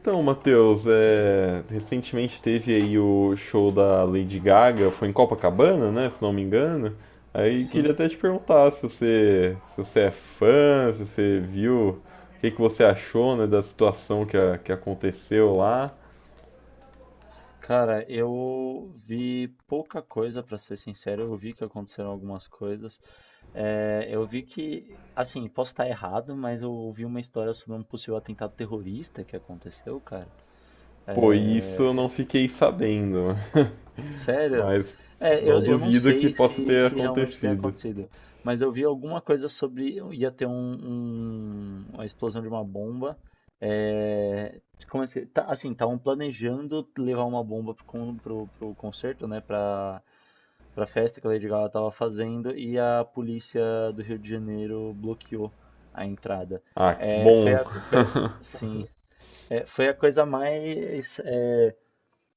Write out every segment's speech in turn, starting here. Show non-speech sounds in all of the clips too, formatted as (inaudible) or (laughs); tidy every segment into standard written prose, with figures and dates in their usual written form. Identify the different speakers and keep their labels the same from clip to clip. Speaker 1: Então, Matheus, recentemente teve aí o show da Lady Gaga, foi em Copacabana, né, se não me engano. Aí queria
Speaker 2: Sim,
Speaker 1: até te perguntar se você, é fã, se você viu, o que que você achou, né, da situação que aconteceu lá.
Speaker 2: cara, eu vi pouca coisa, pra ser sincero. Eu vi que aconteceram algumas coisas. É, eu vi que, assim, posso estar errado, mas eu ouvi uma história sobre um possível atentado terrorista que aconteceu, cara.
Speaker 1: Pô, isso eu não
Speaker 2: Eh,
Speaker 1: fiquei sabendo, (laughs)
Speaker 2: Sério?
Speaker 1: mas
Speaker 2: É,
Speaker 1: não
Speaker 2: eu não
Speaker 1: duvido que
Speaker 2: sei
Speaker 1: possa ter
Speaker 2: se realmente tem
Speaker 1: acontecido.
Speaker 2: acontecido, mas eu vi alguma coisa sobre ia ter uma explosão de uma bomba. É, como é que, tá, assim, estavam planejando levar uma bomba pro concerto, né, pra, pra festa que a Lady Gaga tava fazendo e a polícia do Rio de Janeiro bloqueou a entrada.
Speaker 1: Ah, que
Speaker 2: É,
Speaker 1: bom. (laughs)
Speaker 2: sim, é, foi a coisa mais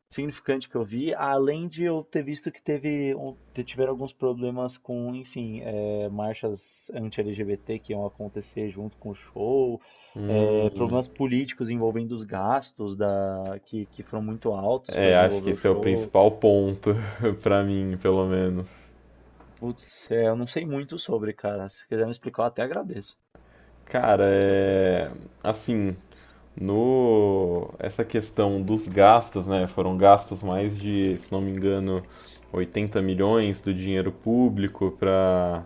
Speaker 2: significante que eu vi, além de eu ter visto que teve tiveram alguns problemas com, enfim, é, marchas anti-LGBT que iam acontecer junto com o show, é,
Speaker 1: Hum,
Speaker 2: problemas políticos envolvendo os gastos que foram muito altos para
Speaker 1: é, acho que
Speaker 2: desenvolver o
Speaker 1: esse é o
Speaker 2: show.
Speaker 1: principal ponto (laughs) pra mim, pelo menos.
Speaker 2: Putz, é, eu não sei muito sobre, cara. Se quiser me explicar, eu até agradeço.
Speaker 1: Cara, é assim, no essa questão dos gastos, né? Foram gastos mais de, se não me engano, 80 milhões do dinheiro público para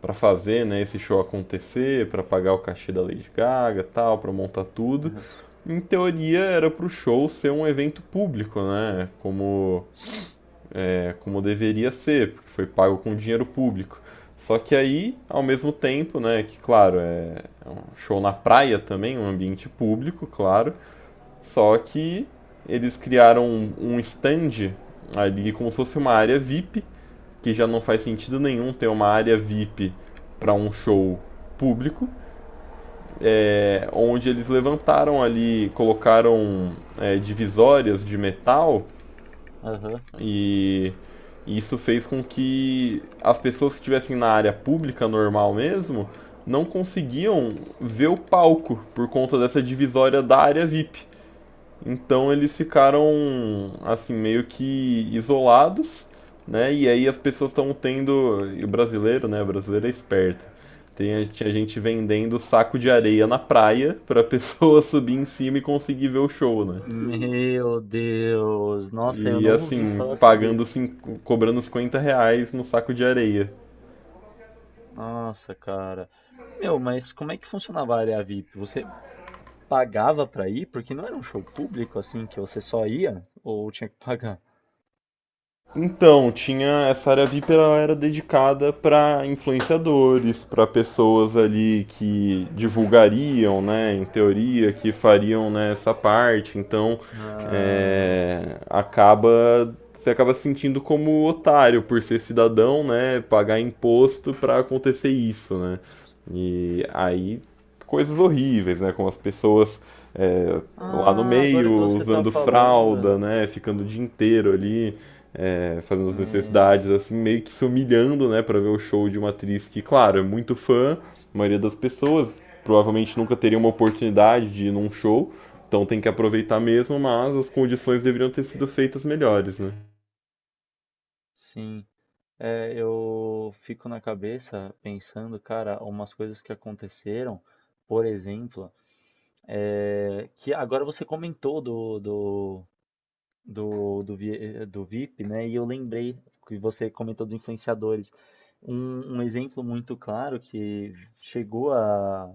Speaker 1: para fazer, né, esse show acontecer, para pagar o cachê da Lady Gaga, tal, para montar tudo.
Speaker 2: Aham.
Speaker 1: Em teoria era para o show ser um evento público, né? Como né, como deveria ser, porque foi pago com dinheiro público. Só que aí, ao mesmo tempo, né, que claro, é um show na praia também, um ambiente público, claro, só que eles criaram um stand ali como se fosse uma área VIP, que já não faz sentido nenhum ter uma área VIP para um show público, onde eles levantaram ali, colocaram divisórias de metal.
Speaker 2: Aham.
Speaker 1: E isso fez com que as pessoas que estivessem na área pública normal mesmo não conseguiam ver o palco por conta dessa divisória da área VIP. Então eles ficaram assim meio que isolados, né? E aí as pessoas estão tendo, e o brasileiro, né? O brasileiro é esperto. Tem Tinha gente vendendo saco de areia na praia para a pessoa (laughs) subir em cima e conseguir ver o show, né?
Speaker 2: Meu Deus, nossa, eu
Speaker 1: E
Speaker 2: não ouvi
Speaker 1: assim,
Speaker 2: falar sobre.
Speaker 1: cobrando uns 50 reais no saco de areia.
Speaker 2: Nossa, cara. Meu, mas como é que funcionava a área VIP? Você pagava pra ir? Porque não era um show público assim que você só ia ou tinha que pagar?
Speaker 1: Então, tinha essa área VIP, ela era dedicada para influenciadores, para pessoas ali que divulgariam, né, em teoria, que fariam, né, essa parte. Então,
Speaker 2: Ah,
Speaker 1: é, acaba você acaba se sentindo como otário por ser cidadão, né, pagar imposto para acontecer isso, né? E aí coisas horríveis, né, como as pessoas é, lá no
Speaker 2: ah, agora que
Speaker 1: meio
Speaker 2: você tá
Speaker 1: usando fralda,
Speaker 2: falando,
Speaker 1: né, ficando o dia inteiro ali fazendo as
Speaker 2: é,
Speaker 1: necessidades, assim, meio que se humilhando, né, para ver o show de uma atriz que, claro, é muito fã, a maioria das pessoas provavelmente nunca teria uma oportunidade de ir num show, então tem que aproveitar mesmo, mas as condições deveriam ter sido feitas melhores, né?
Speaker 2: sim. É, eu fico na cabeça pensando, cara, umas coisas que aconteceram, por exemplo, é, que agora você comentou do VIP, né? E eu lembrei que você comentou dos influenciadores. Um exemplo muito claro que chegou a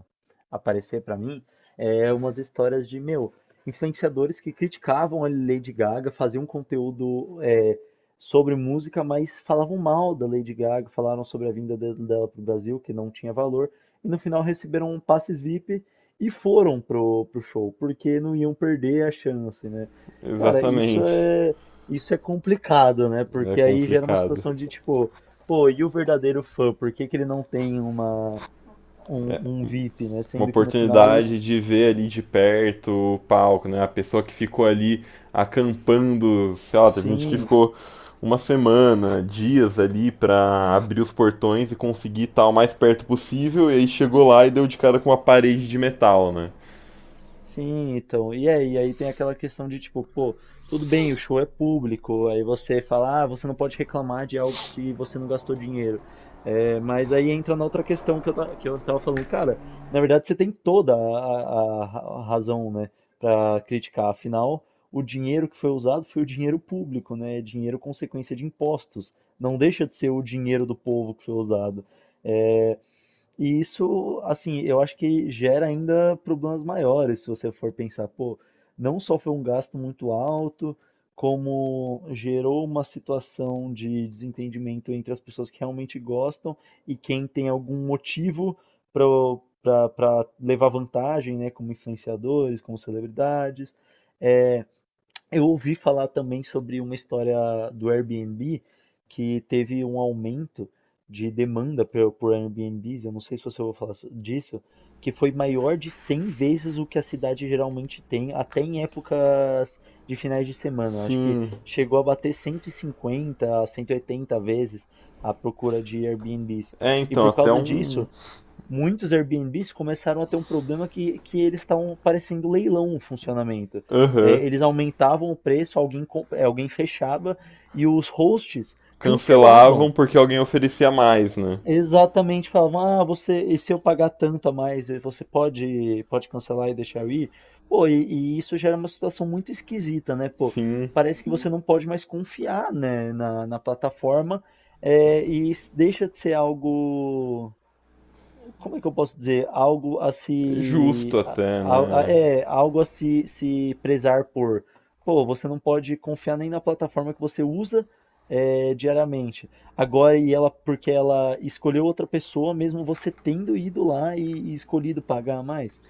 Speaker 2: aparecer para mim é umas histórias de, meu, influenciadores que criticavam a Lady Gaga, faziam um conteúdo é, sobre música, mas falavam mal da Lady Gaga, falaram sobre a vinda dela para o Brasil, que não tinha valor, e no final receberam passes VIP e foram pro, pro show, porque não iam perder a chance, né? Cara,
Speaker 1: Exatamente.
Speaker 2: isso é complicado, né?
Speaker 1: É
Speaker 2: Porque aí gera uma
Speaker 1: complicado.
Speaker 2: situação de tipo, pô, e o verdadeiro fã? Por que que ele não tem uma um VIP, né?
Speaker 1: Uma
Speaker 2: Sendo que no final
Speaker 1: oportunidade
Speaker 2: isso,
Speaker 1: de ver ali de perto o palco, né? A pessoa que ficou ali acampando, sei lá, teve gente que
Speaker 2: sim.
Speaker 1: ficou uma semana, dias ali pra abrir os portões e conseguir estar o mais perto possível, e aí chegou lá e deu de cara com uma parede de metal, né?
Speaker 2: Sim, então. Aí tem aquela questão de tipo, pô, tudo bem, o show é público, aí você fala, ah, você não pode reclamar de algo que você não gastou dinheiro. É, mas aí entra na outra questão que eu tava falando, cara, na verdade você tem toda a razão, né, pra criticar. Afinal, o dinheiro que foi usado foi o dinheiro público, né? É dinheiro consequência de impostos. Não deixa de ser o dinheiro do povo que foi usado. É, e isso, assim, eu acho que gera ainda problemas maiores, se você for pensar, pô, não só foi um gasto muito alto, como gerou uma situação de desentendimento entre as pessoas que realmente gostam e quem tem algum motivo para levar vantagem, né, como influenciadores, como celebridades. É, eu ouvi falar também sobre uma história do Airbnb que teve um aumento de demanda por Airbnbs, eu não sei se você ouviu falar so- disso, que foi maior de 100 vezes o que a cidade geralmente tem, até em épocas de finais de semana. Acho que
Speaker 1: Sim.
Speaker 2: chegou a bater 150 a 180 vezes a procura de Airbnbs.
Speaker 1: É,
Speaker 2: E
Speaker 1: então,
Speaker 2: por
Speaker 1: até
Speaker 2: causa
Speaker 1: um.
Speaker 2: disso, muitos Airbnbs começaram a ter um problema que eles estavam parecendo leilão o funcionamento. É,
Speaker 1: Aham.
Speaker 2: eles aumentavam o preço, alguém fechava e os hosts
Speaker 1: Cancelavam
Speaker 2: cancelavam.
Speaker 1: porque alguém oferecia mais, né?
Speaker 2: Exatamente, falavam, ah, você, e se eu pagar tanto a mais, eh, você pode cancelar e deixar eu ir? Pô, e isso gera uma situação muito esquisita, né? Pô,
Speaker 1: Sim.
Speaker 2: parece que você não pode mais confiar, né, na plataforma, eh, e isso deixa de ser algo, como é que eu posso dizer? Algo a
Speaker 1: Justo
Speaker 2: se,
Speaker 1: até, né?
Speaker 2: algo a se, se prezar por. Pô, você não pode confiar nem na plataforma que você usa é, diariamente. Agora, e ela, porque ela escolheu outra pessoa, mesmo você tendo ido lá e escolhido pagar mais.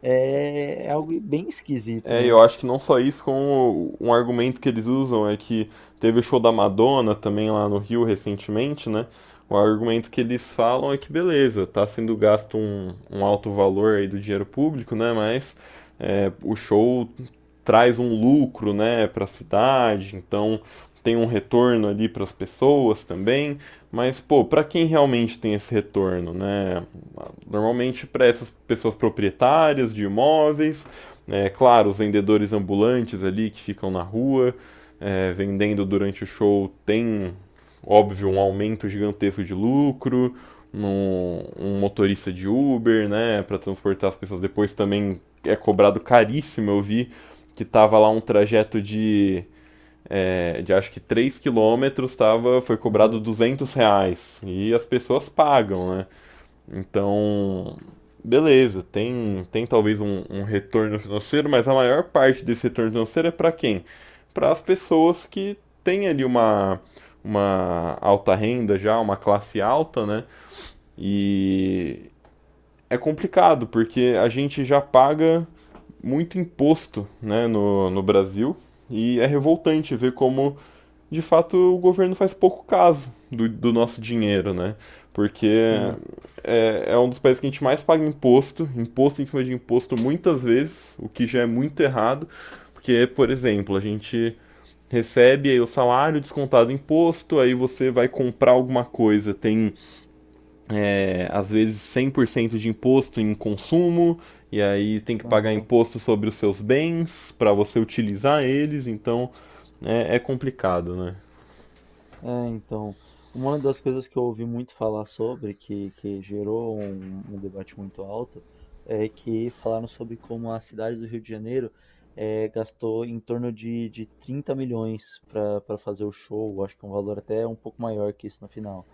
Speaker 2: É, é algo bem esquisito,
Speaker 1: É,
Speaker 2: né?
Speaker 1: eu acho que não só isso, como um argumento que eles usam é que teve o show da Madonna também lá no Rio recentemente, né? O argumento que eles falam é que beleza, tá sendo gasto um alto valor aí do dinheiro público, né? Mas o show traz um lucro, né, para a cidade, então tem um retorno ali para as pessoas também, mas pô, para quem realmente tem esse retorno, né? Normalmente para essas pessoas proprietárias de imóveis, claro, os vendedores ambulantes ali que ficam na rua, vendendo durante o show, tem, óbvio, um aumento gigantesco de lucro. Um motorista de Uber, né, para transportar as pessoas depois também é cobrado caríssimo. Eu vi que tava lá um trajeto de, de acho que 3 quilômetros, tava, foi cobrado
Speaker 2: Uhum.
Speaker 1: R$ 200. E as pessoas pagam, né? Então, beleza, tem, tem talvez um retorno financeiro, mas a maior parte desse retorno financeiro é para quem? Para as pessoas que têm ali uma alta renda já, uma classe alta, né? E é complicado, porque a gente já paga muito imposto, né, no Brasil, e é revoltante ver como de fato o governo faz pouco caso do nosso dinheiro, né? Porque
Speaker 2: Sim.
Speaker 1: é um dos países que a gente mais paga imposto, imposto em cima de imposto muitas vezes, o que já é muito errado, porque, por exemplo, a gente recebe aí o salário descontado do imposto, aí você vai comprar alguma coisa, tem às vezes 100% de imposto em consumo, e aí tem que pagar
Speaker 2: Uhum.
Speaker 1: imposto sobre os seus bens para você utilizar eles, então é complicado, né?
Speaker 2: É, então, uma das coisas que eu ouvi muito falar sobre, que gerou um, um debate muito alto, é que falaram sobre como a cidade do Rio de Janeiro eh, gastou em torno de 30 milhões para para fazer o show, acho que um valor até um pouco maior que isso no final.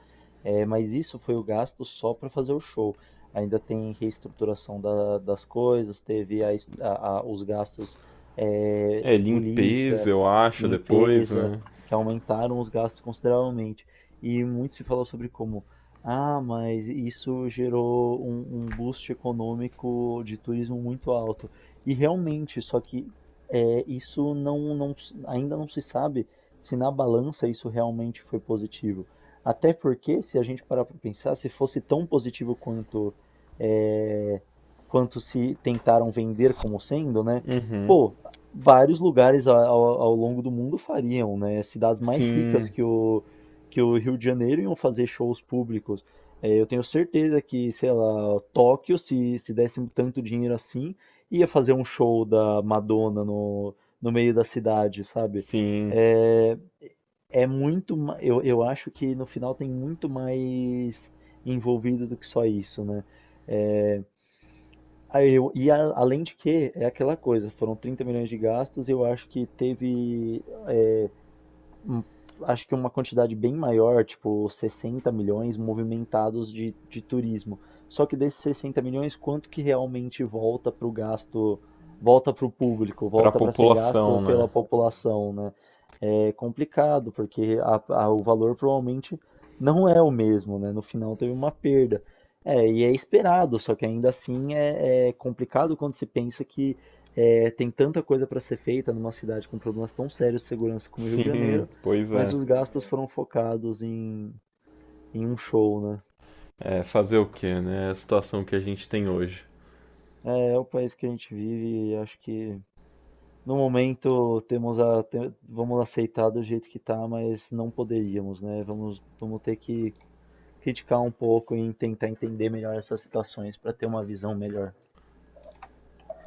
Speaker 2: É, mas isso foi o gasto só para fazer o show. Ainda tem reestruturação das coisas, teve a es- a- os gastos eh,
Speaker 1: É,
Speaker 2: de polícia,
Speaker 1: limpeza, eu acho, depois,
Speaker 2: limpeza,
Speaker 1: né?
Speaker 2: que aumentaram os gastos consideravelmente. E muito se falou sobre como, ah, mas isso gerou um boost econômico de turismo muito alto. E realmente, só que é, não, ainda não se sabe se na balança isso realmente foi positivo. Até porque, se a gente parar para pensar, se fosse tão positivo quanto é, quanto se tentaram vender como sendo, né? Pô, vários lugares ao longo do mundo fariam, né? Cidades mais ricas
Speaker 1: Sim,
Speaker 2: que o Rio de Janeiro iam fazer shows públicos. É, eu tenho certeza que, sei lá, Tóquio, se desse tanto dinheiro assim, ia fazer um show da Madonna no meio da cidade, sabe?
Speaker 1: sim,
Speaker 2: É, é muito. Eu acho que no final tem muito mais envolvido do que só isso, né? É, Aí eu- e a- além de que, é aquela coisa, foram 30 milhões de gastos, eu acho que teve é, um- acho que uma quantidade bem maior, tipo 60 milhões movimentados de turismo. Só que desses 60 milhões, quanto que realmente volta para o gasto, volta para o público,
Speaker 1: pra
Speaker 2: volta para ser
Speaker 1: população,
Speaker 2: gasto
Speaker 1: né?
Speaker 2: pela população, né? É complicado, porque o valor provavelmente não é o mesmo, né? No final teve uma perda. É, e é esperado, só que ainda assim é, é complicado quando se pensa que é, tem tanta coisa para ser feita numa cidade com problemas tão sérios de segurança como o Rio de
Speaker 1: Sim,
Speaker 2: Janeiro,
Speaker 1: pois
Speaker 2: mas
Speaker 1: é.
Speaker 2: os gastos foram focados em, em um show, né?
Speaker 1: É, fazer o quê, né? É a situação que a gente tem hoje.
Speaker 2: É, é o país que a gente vive e acho que no momento temos vamos aceitar do jeito que tá, mas não poderíamos, né? Vamos, vamos ter que criticar um pouco e tentar entender melhor essas situações para ter uma visão melhor.